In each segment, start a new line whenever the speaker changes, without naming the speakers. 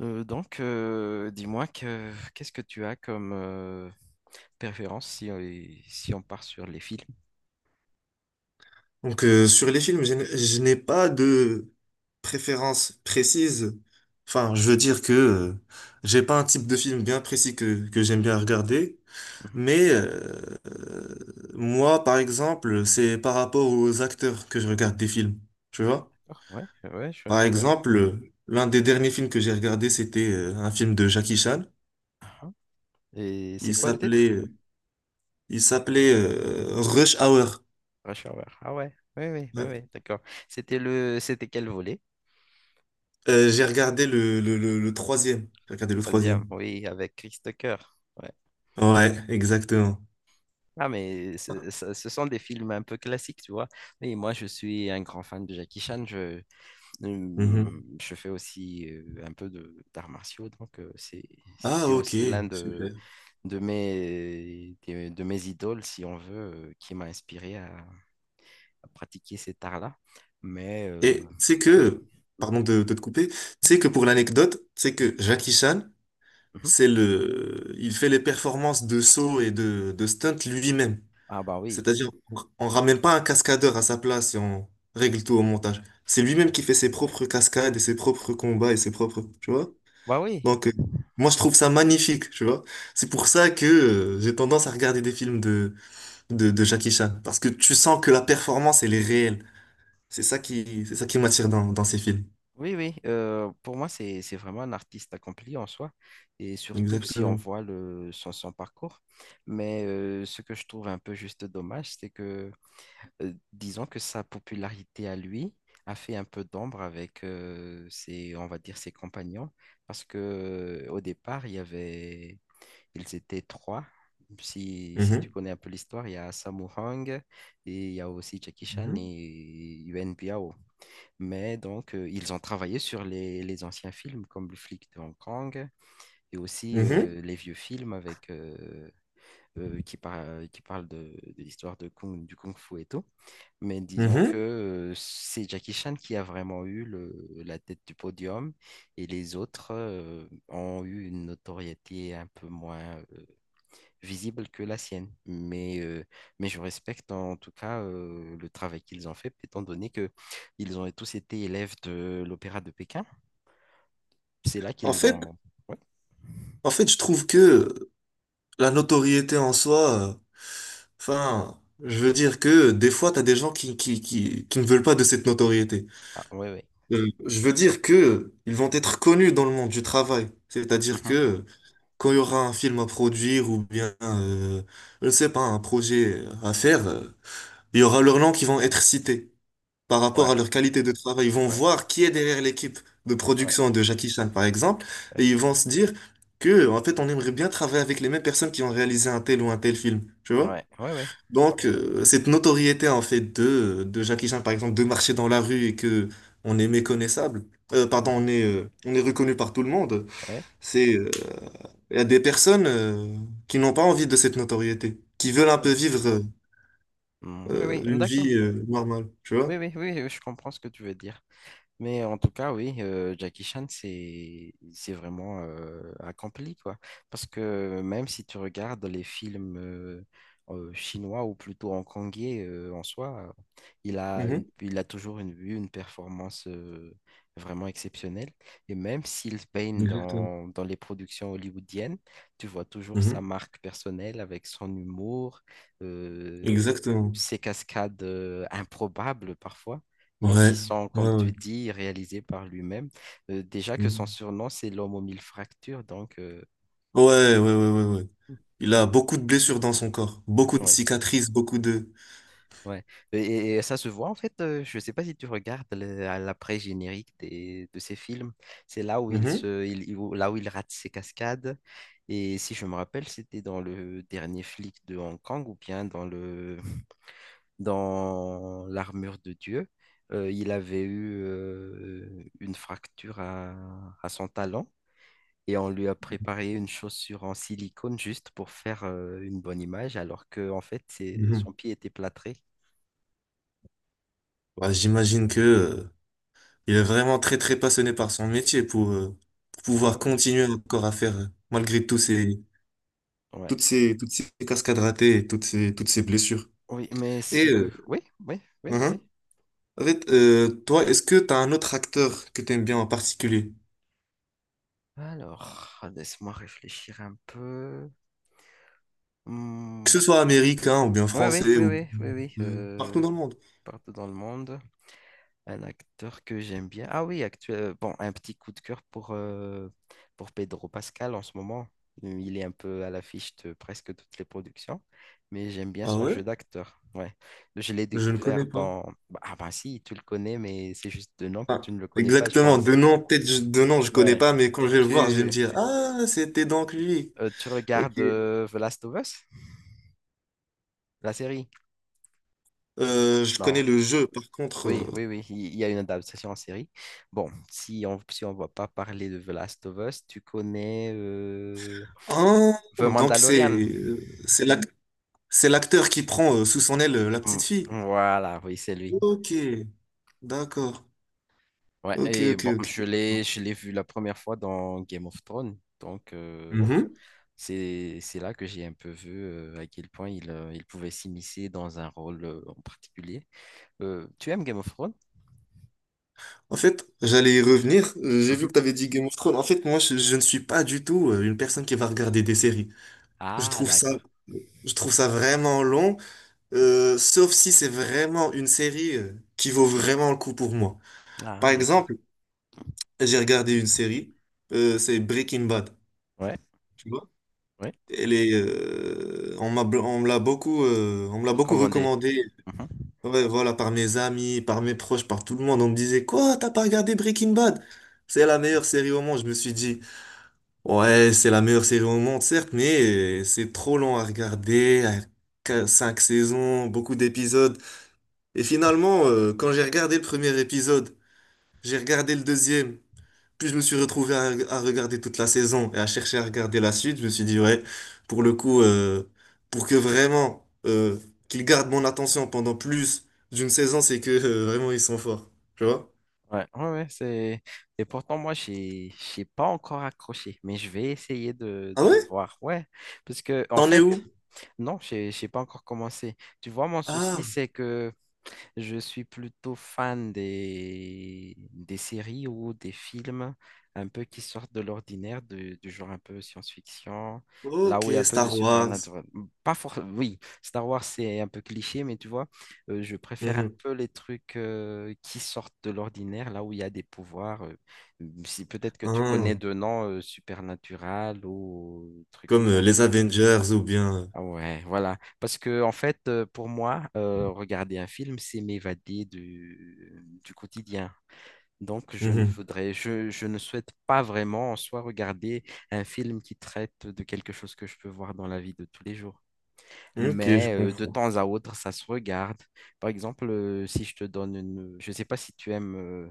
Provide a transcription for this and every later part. Dis-moi que qu'est-ce que tu as comme préférence si on part sur les films?
Donc, sur les films, je n'ai pas de préférence précise. Enfin, je veux dire que j'ai pas un type de film bien précis que j'aime bien regarder.
Mhm.
Mais euh, moi, par exemple, c'est par rapport aux acteurs que je regarde des films. Tu vois?
D'accord, ouais, ouais,
Par, ouais,
je vois.
exemple, l'un des derniers films que j'ai regardé, c'était un film de Jackie Chan.
Et
Il
c'est quoi le titre?
s'appelait euh, il s'appelait Rush Hour.
Rush Hour. Ah ouais, oui, oui, oui,
Ouais.
oui, d'accord. C'était quel volet?
J'ai regardé le troisième. J'ai regardé le
Troisième,
troisième.
oui, avec Chris Tucker. Ouais.
Ouais, exactement.
Ah mais ce sont des films un peu classiques, tu vois. Mais moi, je suis un grand fan de Jackie Chan.
Mhm.
Je fais aussi un peu de d'arts martiaux, donc c'est
Ah,
c'est
ok,
aussi l'un
super.
de mes idoles, si on veut, qui m'a inspiré à pratiquer cet art-là. Mais euh,
Et c'est
oui,
que,
oui,
pardon de te couper, c'est que pour l'anecdote, c'est que Jackie Chan,
mhm.
il fait les performances de saut et de stunt lui-même.
Ah bah oui.
C'est-à-dire, on ramène pas un cascadeur à sa place et on règle tout au montage. C'est lui-même
Ouais.
qui fait ses propres cascades et ses propres combats et ses propres, tu vois?
Bah oui,
Donc, moi, je trouve ça magnifique, tu vois? C'est pour ça que, j'ai tendance à regarder des films de Jackie Chan. Parce que tu sens que la performance, elle est réelle. C'est ça qui m'attire dans ces films.
oui, oui. Pour moi, c'est vraiment un artiste accompli en soi, et surtout si on
Exactement.
voit son parcours. Ce que je trouve un peu juste dommage, c'est que disons que sa popularité à lui a fait un peu d'ombre avec on va dire, ses compagnons, parce que au départ, ils étaient trois. Si tu
Mhm.
connais un peu l'histoire, il y a Sammo Hung et il y a aussi Jackie Chan
Mhm.
et Yuan Biao. Mais donc, ils ont travaillé sur les anciens films comme Le flic de Hong Kong et aussi
Mhm.
les vieux films avec, qui parlent de l'histoire de Kung Fu et tout. Mais disons que
Mhm.
c'est Jackie Chan qui a vraiment eu la tête du podium et les autres ont eu une notoriété un peu moins visible que la sienne. Mais je respecte en tout cas le travail qu'ils ont fait, étant donné que ils ont tous été élèves de l'Opéra de Pékin. C'est là
En
qu'ils
fait,
ont... Ouais,
en fait, je trouve que la notoriété en soi, enfin, je veux dire que des fois, t'as des gens qui ne veulent pas de cette notoriété.
ah, ouais, ouais.
Je veux dire que ils vont être connus dans le monde du travail. C'est-à-dire
Mhm.
que quand il y aura un film à produire ou bien, je ne sais pas, un projet à faire, Il y aura leurs noms qui vont être cités par rapport
Ouais,
à leur qualité de travail. Ils vont
ouais,
voir qui est derrière l'équipe de
ouais,
production de Jackie Chan, par exemple, et
ouais,
ils vont se dire que, en fait, on aimerait bien travailler avec les mêmes personnes qui ont réalisé un tel ou un tel film, tu vois?
ouais, ouais, ouais.
Donc, cette notoriété, en fait, de Jackie Chan, par exemple, de marcher dans la rue et que on est méconnaissable, pardon,
Mhm.
on est reconnu par tout le monde,
Ouais,
c'est, euh, il y a des personnes, qui n'ont pas envie de cette notoriété, qui veulent
ouais,
un peu
ouais.
vivre,
Mm, oui, oui,
une
d'accord.
vie, normale, tu
Oui,
vois?
oui, oui, oui, je comprends ce que tu veux dire. Mais en tout cas, oui, Jackie Chan, c'est vraiment accompli, quoi. Parce que même si tu regardes les films chinois ou plutôt hongkongais en soi,
Mhm.
il a toujours eu une performance vraiment exceptionnelle. Et même s'il se baigne
Exactement.
dans les productions hollywoodiennes, tu vois toujours sa
Mhm.
marque personnelle avec son humour, euh,
Exactement.
ses cascades improbables parfois mais qui
Ouais.
sont,
Ouais,
comme
ouais.
tu dis, réalisés par lui-même. Déjà que son
Mhm.
surnom, c'est l'homme aux mille fractures, donc
Ouais, ouais, ouais, ouais, ouais. Il a beaucoup de blessures dans son corps, beaucoup de
ouais,
cicatrices, beaucoup de...
ouais. Et ça se voit en fait, je ne sais pas si tu regardes à l'après-générique de ces films, c'est là où il
Mhm.
se, il- où- là où il rate ses cascades. Et si je me rappelle, c'était dans le dernier flic de Hong Kong ou bien dans l'armure de Dieu. Il avait eu une fracture à son talon. Et on lui a préparé une chaussure en silicone juste pour faire une bonne image, alors que en fait,
Mhm.
son pied était plâtré.
Bah, j'imagine que, il est vraiment très, très passionné par son métier pour
Ah
pouvoir
oui.
continuer encore à faire, malgré tous ces,
Ouais.
toutes ces, toutes ces cascades ratées et toutes ces blessures.
Oui, mais ce
Et,
que...
euh,
Oui, oui, oui, vas-y.
mhm. En fait, toi, est-ce que tu as un autre acteur que tu aimes bien en particulier?
Alors, laisse-moi réfléchir un peu.
Que
Hmm.
ce soit américain ou bien
Oui, oui,
français
oui,
ou
oui, oui, oui.
partout dans le monde.
Partout dans le monde. Un acteur que j'aime bien. Ah oui, actuel... bon, un petit coup de cœur pour Pedro Pascal en ce moment. Il est un peu à l'affiche de presque toutes les productions, mais j'aime bien
Ah
son
ouais?
jeu d'acteur. Ouais. Je l'ai
Je ne
découvert
connais pas.
dans... bah, ah bah si, tu le connais, mais c'est juste de nom que
Ah,
tu ne le connais pas, je
exactement. De
pense.
nom, peut-être de nom, je connais
Ouais.
pas, mais quand je vais le voir, je vais me
Tu,
dire, ah, c'était donc lui.
Tu
Ok.
regardes The Last of Us, la série?
Je connais
Non.
le jeu, par contre.
Oui, oui, oui, il y a une adaptation en série. Bon, si on va pas parler de The Last of Us, tu connais...
Ah,
The
donc
Mandalorian.
euh, c'est l'ac- c'est l'acteur qui prend sous son aile la petite
Mm,
fille.
voilà, oui, c'est lui.
Ok, d'accord.
Ouais,
Ok,
et
ok,
bon,
ok.
je l'ai vu la première fois dans Game of Thrones. Donc,
Mhm.
c'est là que j'ai un peu vu à quel point il pouvait s'immiscer dans un rôle en particulier. Tu aimes Game of Thrones?
En fait, j'allais y revenir. J'ai vu
Mhm.
que tu avais dit Game of Thrones. En fait, moi, je ne suis pas du tout une personne qui va regarder des séries. Je
Ah,
trouve ça,
d'accord.
je trouve ça vraiment long, sauf si c'est vraiment une série qui vaut vraiment le coup pour moi.
Ah,
Par
d'accord.
exemple, j'ai regardé une série, c'est Breaking Bad.
Ouais,
Tu vois?
ouais.
On me l'a beaucoup, on me l'a beaucoup
Recommandé.
recommandé.
Mhm.
Ouais, voilà, par mes amis, par mes proches, par tout le monde. On me disait, quoi, t'as pas regardé Breaking Bad? C'est la meilleure série au monde. Je me suis dit. Ouais, c'est la meilleure série au monde, certes, mais c'est trop long à regarder, à cinq saisons, beaucoup d'épisodes. Et finalement, quand j'ai regardé le premier épisode, j'ai regardé le deuxième, puis je me suis retrouvé à regarder toute la saison et à chercher à regarder la suite. Je me suis dit, ouais, pour le coup, pour que vraiment qu'ils gardent mon attention pendant plus d'une saison, c'est que vraiment ils sont forts, tu vois?
Ouais, ouais, ouais, c'est... Et pourtant, moi, j'ai pas encore accroché, mais je vais essayer
Ah
de
ouais?
voir. Ouais, parce que, en
T'en es
fait,
où?
non, j'ai pas encore commencé. Tu vois, mon souci,
Ah,
c'est que je suis plutôt fan des séries ou des films un peu qui sortent de l'ordinaire, du genre un peu science-fiction, là
ok,
où il y a un peu de
Star Wars.
supernatural. Pas for... Oui, Star Wars, c'est un peu cliché, mais tu vois, je préfère un
Mhm.
peu les trucs qui sortent de l'ordinaire, là où il y a des pouvoirs. Si peut-être que tu connais
Ah.
de noms supernatural ou trucs comme
Comme
ça.
les Avengers ou bien...
Ah ouais, voilà. Parce que, en fait, pour moi, regarder un film, c'est m'évader du quotidien. Donc,
Mhm.
je ne souhaite pas vraiment en soi regarder un film qui traite de quelque chose que je peux voir dans la vie de tous les jours.
Ok, je
Mais de
comprends.
temps à autre, ça se regarde. Par exemple, si je te donne une... Je ne sais pas si tu aimes euh,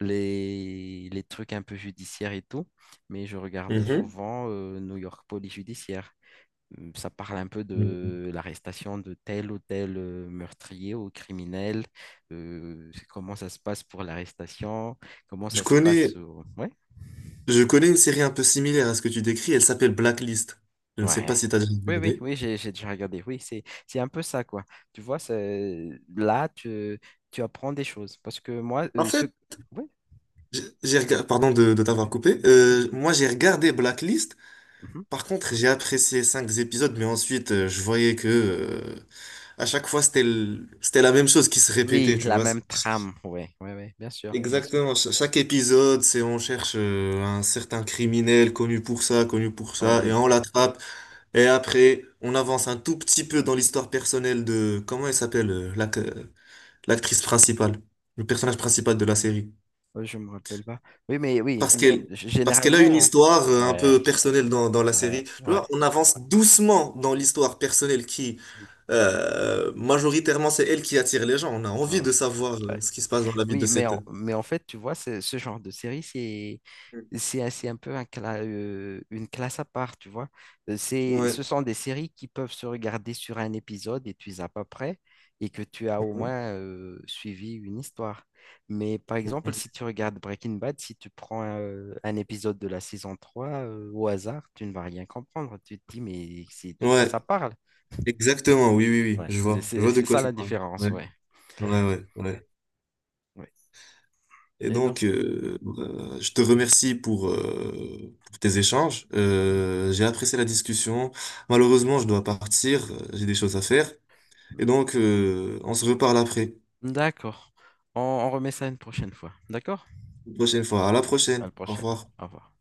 les, les trucs un peu judiciaires et tout, mais je regarde
Mhm.
souvent New York Police Judiciaire. Ça parle un peu
Mhm.
de l'arrestation de tel ou tel meurtrier ou criminel, c'est comment ça se passe pour l'arrestation, comment
Je
ça se passe.
connais,
Ouais,
je connais une série un peu similaire à ce que tu décris. Elle s'appelle Blacklist. Je ne sais pas
ouais.
si tu as déjà
Oui, oui,
regardé.
oui, j'ai déjà regardé. Oui, c'est un peu ça, quoi. Tu vois, là, tu, tu apprends des choses. Parce que moi,
En
ce.
fait,
Oui,
pardon de t'avoir
oui.
coupé. Moi, j'ai regardé Blacklist.
Mhm.
Par contre, j'ai apprécié cinq épisodes, mais ensuite, je voyais que à chaque fois, c'était la même chose qui se répétait.
Oui,
Tu
la
vois.
même trame. Oui, oui, oui, bien sûr, bien sûr.
Exactement, chaque épisode, c'est on cherche un certain criminel connu pour ça, et
Oui,
on l'attrape. Et après, on avance un tout petit peu dans l'histoire personnelle de, comment elle s'appelle, l'actrice principale, le personnage principal de la série.
oui, je me rappelle pas. Oui, mais oui,
Parce qu'elle, Parce qu'elle a une
généralement.
histoire un
Ouais,
peu personnelle dans la
ouais,
série. Tu
ouais.
vois, on avance doucement dans l'histoire personnelle qui, majoritairement, c'est elle qui attire les gens. On a envie
Hmm,
de savoir
ouais.
ce qui se passe dans la vie de
Oui,
cette...
mais en fait, tu vois, ce genre de série, c'est un peu une classe à part, tu vois.
Ouais.
Ce sont des séries qui peuvent se regarder sur un épisode et tu es à peu près et que tu as au moins suivi une histoire. Mais par exemple,
Mhm.
si tu regardes Breaking Bad, si tu prends épisode de la saison 3 au hasard, tu ne vas rien comprendre. Tu te dis, mais c'est de quoi ça
Ouais,
parle?
exactement, oui, oui, oui,
Ouais.
je vois de
C'est
quoi
ça la
tu parles.
différence,
Ouais,
ouais.
ouais, ouais, ouais.
Ouais.
Et
Et donc?
donc, je te remercie pour tes échanges. J'ai apprécié la discussion. Malheureusement, je dois partir, j'ai des choses à faire. Et donc, on se reparle après,
D'accord. On remet ça une prochaine fois. D'accord?
une prochaine fois. À la
Oui. À la
prochaine, au
prochaine.
revoir.
Au revoir.